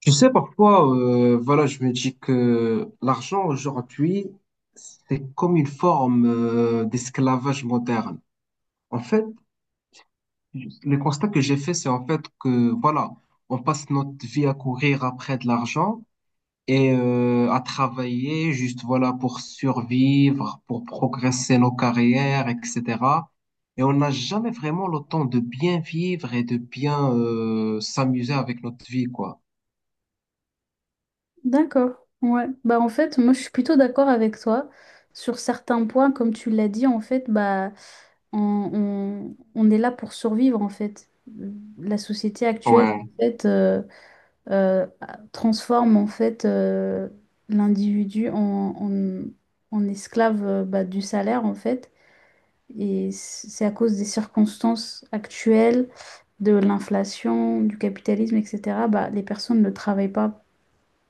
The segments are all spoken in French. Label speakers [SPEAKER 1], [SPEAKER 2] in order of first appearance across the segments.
[SPEAKER 1] Tu sais, parfois, voilà, je me dis que l'argent aujourd'hui, c'est comme une forme d'esclavage moderne. En fait, le constat que j'ai fait, c'est en fait que, voilà, on passe notre vie à courir après de l'argent et à travailler juste, voilà, pour survivre, pour progresser nos carrières, etc. Et on n'a jamais vraiment le temps de bien vivre et de bien s'amuser avec notre vie, quoi.
[SPEAKER 2] D'accord. Ouais. Bah en fait, moi je suis plutôt d'accord avec toi sur certains points, comme tu l'as dit, en fait, bah on, on est là pour survivre en fait. La société actuelle
[SPEAKER 1] Ouais,
[SPEAKER 2] en fait euh, transforme en fait l'individu en esclave bah, du salaire en fait. C'est à cause des circonstances actuelles, de l'inflation, du capitalisme, etc. Bah, les personnes ne travaillent pas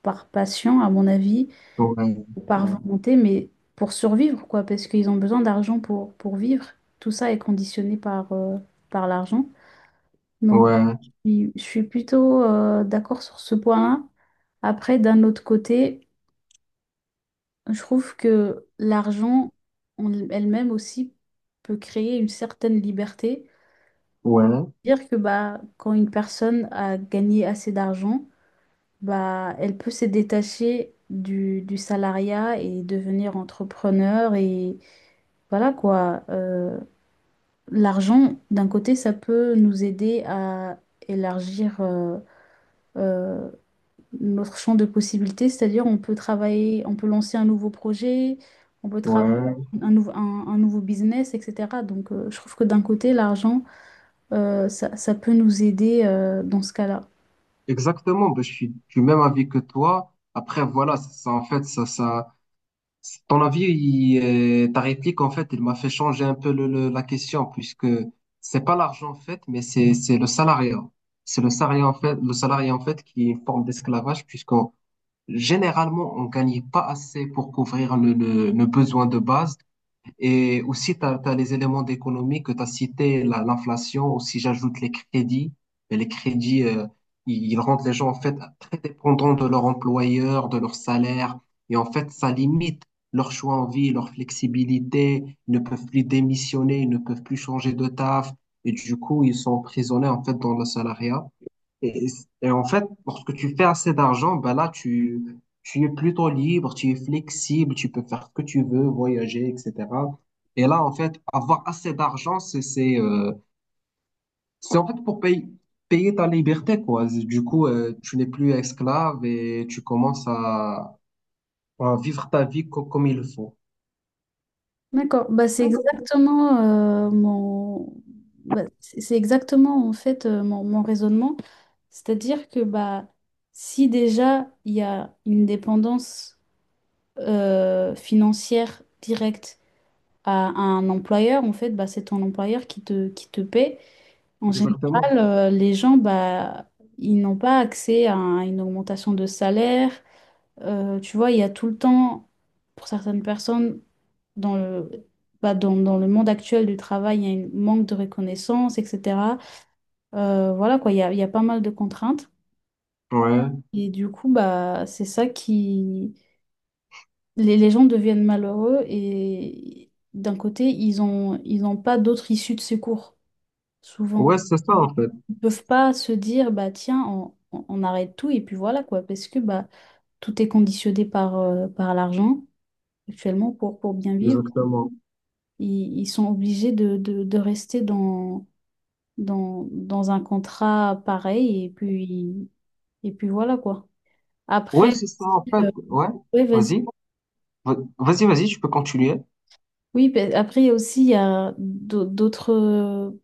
[SPEAKER 2] par passion, à mon avis
[SPEAKER 1] ouais,
[SPEAKER 2] ou par
[SPEAKER 1] ouais.
[SPEAKER 2] volonté, mais pour survivre, quoi, parce qu'ils ont besoin d'argent pour vivre. Tout ça est conditionné par l'argent. Donc,
[SPEAKER 1] Ouais,
[SPEAKER 2] je suis plutôt d'accord sur ce point-là. Après, d'un autre côté, je trouve que l'argent en elle-même aussi peut créer une certaine liberté.
[SPEAKER 1] ouais,
[SPEAKER 2] Dire que bah, quand une personne a gagné assez d'argent, bah, elle peut se détacher du salariat et devenir entrepreneur et voilà quoi, l'argent, d'un côté, ça peut nous aider à élargir euh, notre champ de possibilités, c'est-à-dire on peut travailler, on peut lancer un nouveau projet, on peut travailler
[SPEAKER 1] ouais.
[SPEAKER 2] un nouveau business, etc. Donc je trouve que d'un côté, l'argent, ça peut nous aider dans ce cas-là.
[SPEAKER 1] Exactement, ben, je suis du même avis que toi. Après, voilà, ça, en fait, ça, ton avis, ta réplique, en fait, il m'a fait changer un peu la question, puisque c'est pas l'argent, en fait, mais c'est le salariat. C'est le salarié, en fait, le salarié, en fait, qui est une forme d'esclavage, puisqu'on, généralement, on gagne pas assez pour couvrir le besoin de base. Et aussi, tu as, les éléments d'économie que tu as cités, l'inflation, aussi j'ajoute les crédits. Et les crédits, ils rendent les gens en fait très dépendants de leur employeur, de leur salaire. Et en fait, ça limite leur choix en vie, leur flexibilité. Ils ne peuvent plus démissionner, ils ne peuvent plus changer de taf. Et du coup, ils sont emprisonnés en fait dans le salariat. Et, et en fait, lorsque tu fais assez d'argent, ben là, tu es plutôt libre, tu es flexible, tu peux faire ce que tu veux, voyager, etc. Et là, en fait, avoir assez d'argent, c'est, c'est en fait pour payer, payer ta liberté, quoi. Du coup, tu n'es plus esclave et tu commences à vivre ta vie comme il faut.
[SPEAKER 2] D'accord, bah, c'est exactement mon bah, c'est exactement en fait mon raisonnement. C'est-à-dire que bah si déjà il y a une dépendance financière directe à un employeur, en fait, bah, c'est ton employeur qui te paie. En
[SPEAKER 1] Exactement.
[SPEAKER 2] général, les gens bah ils n'ont pas accès à une augmentation de salaire. Tu vois, il y a tout le temps, pour certaines personnes, dans le, dans le monde actuel du travail, il y a un manque de reconnaissance, etc. Voilà quoi, il y a pas mal de contraintes.
[SPEAKER 1] Ouais.
[SPEAKER 2] Et du coup, bah, c'est ça qui... les gens deviennent malheureux et d'un côté, ils n'ont pas d'autre issue de secours,
[SPEAKER 1] Ouais,
[SPEAKER 2] souvent.
[SPEAKER 1] c'est ça, en fait.
[SPEAKER 2] Ils peuvent pas se dire, bah tiens, on arrête tout et puis voilà quoi, parce que bah, tout est conditionné par l'argent actuellement pour bien vivre.
[SPEAKER 1] Exactement.
[SPEAKER 2] Ils sont obligés de rester dans un contrat pareil et puis voilà quoi.
[SPEAKER 1] Ouais,
[SPEAKER 2] Après,
[SPEAKER 1] c'est ça, en fait.
[SPEAKER 2] euh,
[SPEAKER 1] Ouais.
[SPEAKER 2] ouais, vas-y.
[SPEAKER 1] Vas-y. Vas-y, vas-y, tu peux continuer.
[SPEAKER 2] Oui, ben, après il y a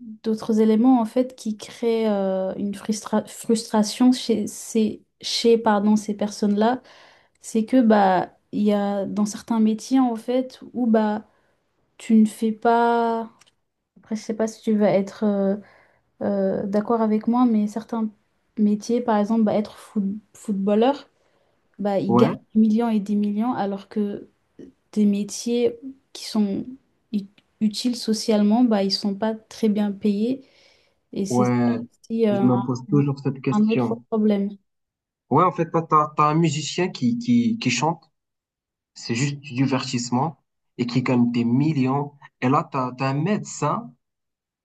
[SPEAKER 2] d'autres éléments en fait qui créent une frustration chez pardon ces personnes-là, c'est que bah il y a dans certains métiers en fait où bah tu ne fais pas après je sais pas si tu vas être d'accord avec moi mais certains métiers par exemple bah, être footballeur bah, ils gagnent
[SPEAKER 1] Ouais,
[SPEAKER 2] des millions et des millions, alors que des métiers qui sont ut- utiles socialement, bah, ils sont pas très bien payés. Et c'est ça
[SPEAKER 1] ouais,
[SPEAKER 2] aussi
[SPEAKER 1] je me pose
[SPEAKER 2] un-
[SPEAKER 1] toujours cette
[SPEAKER 2] un autre
[SPEAKER 1] question.
[SPEAKER 2] problème.
[SPEAKER 1] Ouais, en fait, toi, t'as un musicien qui chante, c'est juste du divertissement, et qui gagne des millions. Et là, t'as un médecin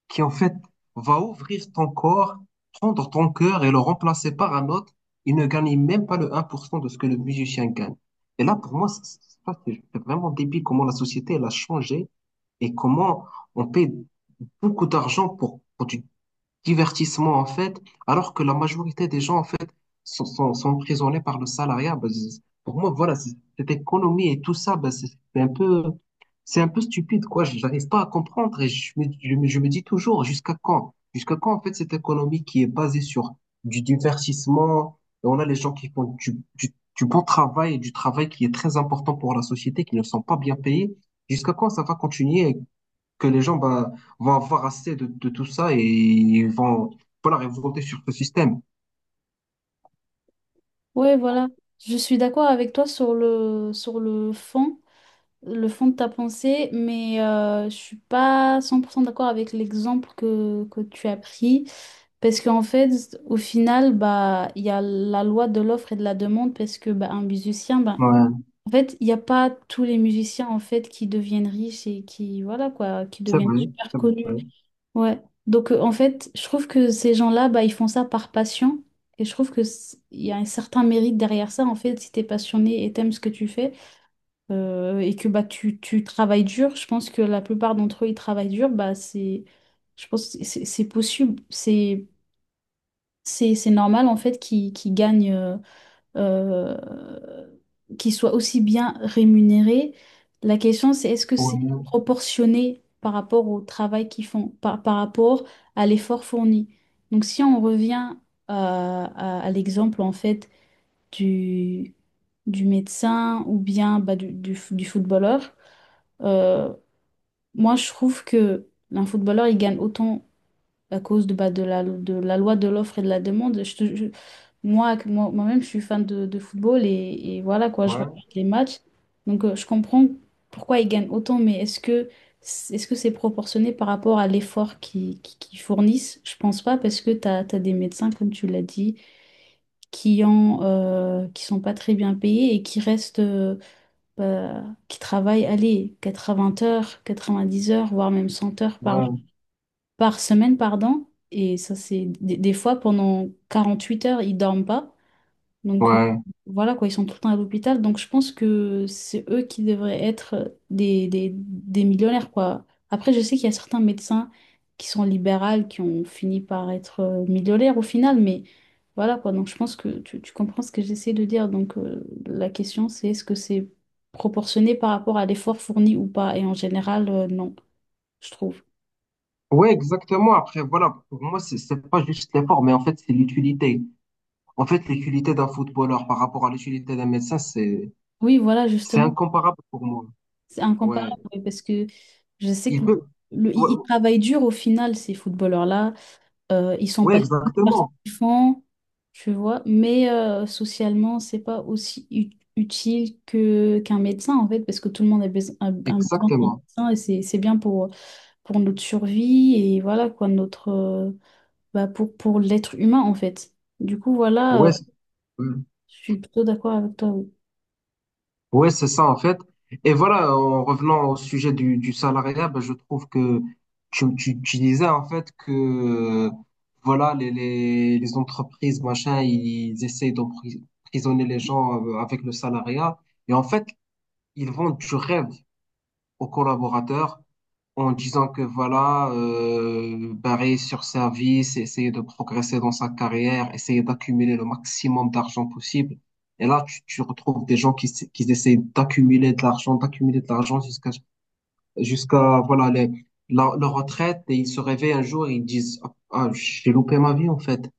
[SPEAKER 1] qui, en fait, va ouvrir ton corps, prendre ton cœur et le remplacer par un autre. Il ne gagne même pas le un pour cent de ce que le musicien gagne. Et là, pour moi, c'est vraiment débile comment la société, elle a changé et comment on paie beaucoup d'argent pour du divertissement, en fait, alors que la majorité des gens, en fait, sont emprisonnés par le salariat. Ben, pour moi, voilà, cette économie et tout ça, ben, c'est un peu, c'est un peu stupide, quoi. Je n'arrive pas à comprendre et je me dis toujours, jusqu'à quand? Jusqu'à quand, en fait, cette économie qui est basée sur du divertissement, et on a les gens qui font du bon travail et du travail qui est très important pour la société, qui ne sont pas bien payés. Jusqu'à quand ça va continuer que les gens bah, vont avoir assez de tout ça et ils vont voilà, révolter sur ce système.
[SPEAKER 2] Ouais, voilà. Je suis d'accord avec toi sur le fond de ta pensée, mais je suis pas 100% d'accord avec l'exemple que tu as pris. Parce qu'en fait, au final, bah, il y a la loi de l'offre et de la demande, parce que bah, un musicien, bah,
[SPEAKER 1] Ouais,
[SPEAKER 2] en fait, il n'y a pas tous les musiciens en fait qui deviennent riches et qui voilà quoi, qui
[SPEAKER 1] c'est
[SPEAKER 2] deviennent
[SPEAKER 1] vrai,
[SPEAKER 2] super
[SPEAKER 1] c'est vrai.
[SPEAKER 2] connus. Ouais. Donc en fait, je trouve que ces gens-là, bah, ils font ça par passion et je trouve que il y a un certain mérite derrière ça. En fait, si t'es passionné et t'aimes ce que tu fais et que bah tu travailles dur, je pense que la plupart d'entre eux ils travaillent dur, bah c'est, je pense que c'est possible, c'est normal en fait qu'ils gagnent. Euh, qui soient aussi bien rémunérés. La question, c'est est-ce que c'est
[SPEAKER 1] Ouais,
[SPEAKER 2] proportionné par rapport au travail qu'ils font, par rapport à l'effort fourni. Donc si on revient à l'exemple en fait du, du médecin ou bien du du footballeur, euh, moi, je trouve que un footballeur, il gagne autant à cause de, de la loi de l'offre et de la demande. Je, te- je- moi, que moi, moi-même, je suis fan de football et voilà quoi, je
[SPEAKER 1] ouais,
[SPEAKER 2] regarde les matchs. Donc, je comprends pourquoi ils gagnent autant, mais est-ce que c'est proportionné par rapport à l'effort qu'ils fournissent? Je pense pas parce que tu as des médecins, comme tu l'as dit, qui sont pas très bien payés et qui restent, bah, qui travaillent, allez, 80 heures, 90 heures, voire même 100 heures
[SPEAKER 1] ouais,
[SPEAKER 2] par semaine, pardon. Et ça, c'est des fois pendant 48 heures, ils dorment pas. Donc
[SPEAKER 1] ouais.
[SPEAKER 2] voilà quoi, ils sont tout le temps à l'hôpital. Donc je pense que c'est eux qui devraient être des millionnaires quoi. Après, je sais qu'il y a certains médecins qui sont libéraux, qui ont fini par être millionnaires au final, mais voilà quoi. Donc je pense que tu comprends ce que j'essaie de dire. Donc la question c'est est-ce que c'est proportionné par rapport à l'effort fourni ou pas? Et en général, non, je trouve.
[SPEAKER 1] Ouais, exactement. Après, voilà, pour moi, c'est pas juste l'effort, mais en fait, c'est l'utilité. En fait, l'utilité d'un footballeur par rapport à l'utilité d'un médecin,
[SPEAKER 2] Oui, voilà,
[SPEAKER 1] c'est
[SPEAKER 2] justement,
[SPEAKER 1] incomparable pour moi.
[SPEAKER 2] c'est
[SPEAKER 1] Ouais.
[SPEAKER 2] incomparable oui, parce que je sais
[SPEAKER 1] Ils
[SPEAKER 2] que
[SPEAKER 1] peuvent. Ouais,
[SPEAKER 2] ils travaillent dur au final, ces footballeurs-là. Ils sont
[SPEAKER 1] ouais,
[SPEAKER 2] pas tous
[SPEAKER 1] exactement.
[SPEAKER 2] participants, tu vois, mais socialement, c'est pas aussi utile que qu'un médecin, en fait, parce que tout le monde a besoin d'un
[SPEAKER 1] Exactement.
[SPEAKER 2] médecin et c'est bien pour notre survie et voilà, quoi, notre, pour l'être humain, en fait. Du coup, voilà,
[SPEAKER 1] Ouais, ouais.
[SPEAKER 2] je suis plutôt d'accord avec toi. Oui.
[SPEAKER 1] Ouais, c'est ça, en fait. Et voilà, en revenant au sujet du salariat, ben, je trouve que tu disais, en fait, que, euh, voilà, les entreprises, machin, ils essayent d'emprisonner les gens avec le salariat. Et en fait, ils vendent du rêve aux collaborateurs, en disant que voilà, barrer sur service, essayer de progresser dans sa carrière, essayer d'accumuler le maximum d'argent possible. Et là, tu retrouves des gens qui essaient d'accumuler de l'argent jusqu'à voilà la, leur retraite et ils se réveillent un jour et ils disent ah, ah, j'ai loupé ma vie en fait.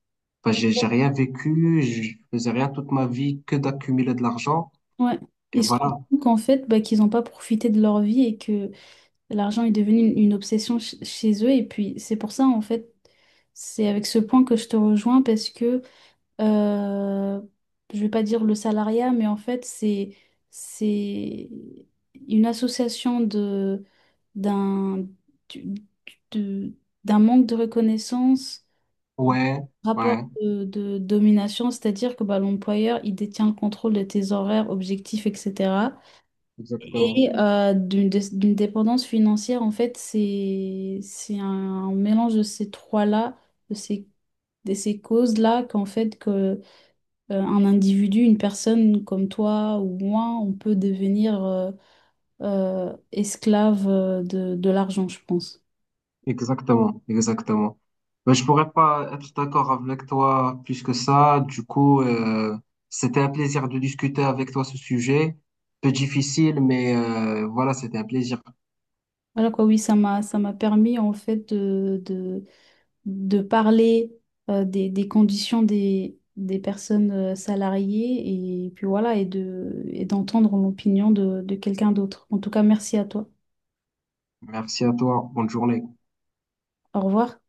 [SPEAKER 1] Enfin, j'ai rien vécu, je faisais rien toute ma vie que d'accumuler de l'argent
[SPEAKER 2] Ouais.
[SPEAKER 1] et
[SPEAKER 2] Ils se rendent
[SPEAKER 1] voilà.
[SPEAKER 2] compte qu'en fait, bah, qu'ils n'ont pas profité de leur vie et que l'argent est devenu une obsession chez eux et puis c'est pour ça en fait, c'est avec ce point que je te rejoins parce que euh, je vais pas dire le salariat, mais en fait c'est une association de d'un du- de- d'un manque de reconnaissance
[SPEAKER 1] Ouais,
[SPEAKER 2] rapport
[SPEAKER 1] ouais,
[SPEAKER 2] de domination, c'est-à-dire que bah, l'employeur, il détient le contrôle de tes horaires, objectifs, etc.
[SPEAKER 1] exactement.
[SPEAKER 2] Et d'une dépendance financière, en fait, c'est un mélange de ces trois-là, de ces, de ces causes-là, un individu, une personne comme toi ou moi, on peut devenir esclave de l'argent, je pense.
[SPEAKER 1] Exactement, exactement. Ben, je pourrais pas être d'accord avec toi plus que ça. Du coup, c'était un plaisir de discuter avec toi ce sujet. Peu difficile, mais voilà, c'était un plaisir.
[SPEAKER 2] Voilà quoi, oui, ça m'a permis en fait de parler des conditions des personnes salariées et puis voilà, et de, et d'entendre l'opinion de quelqu'un d'autre. En tout cas, merci à toi.
[SPEAKER 1] Merci à toi. Bonne journée.
[SPEAKER 2] Au revoir.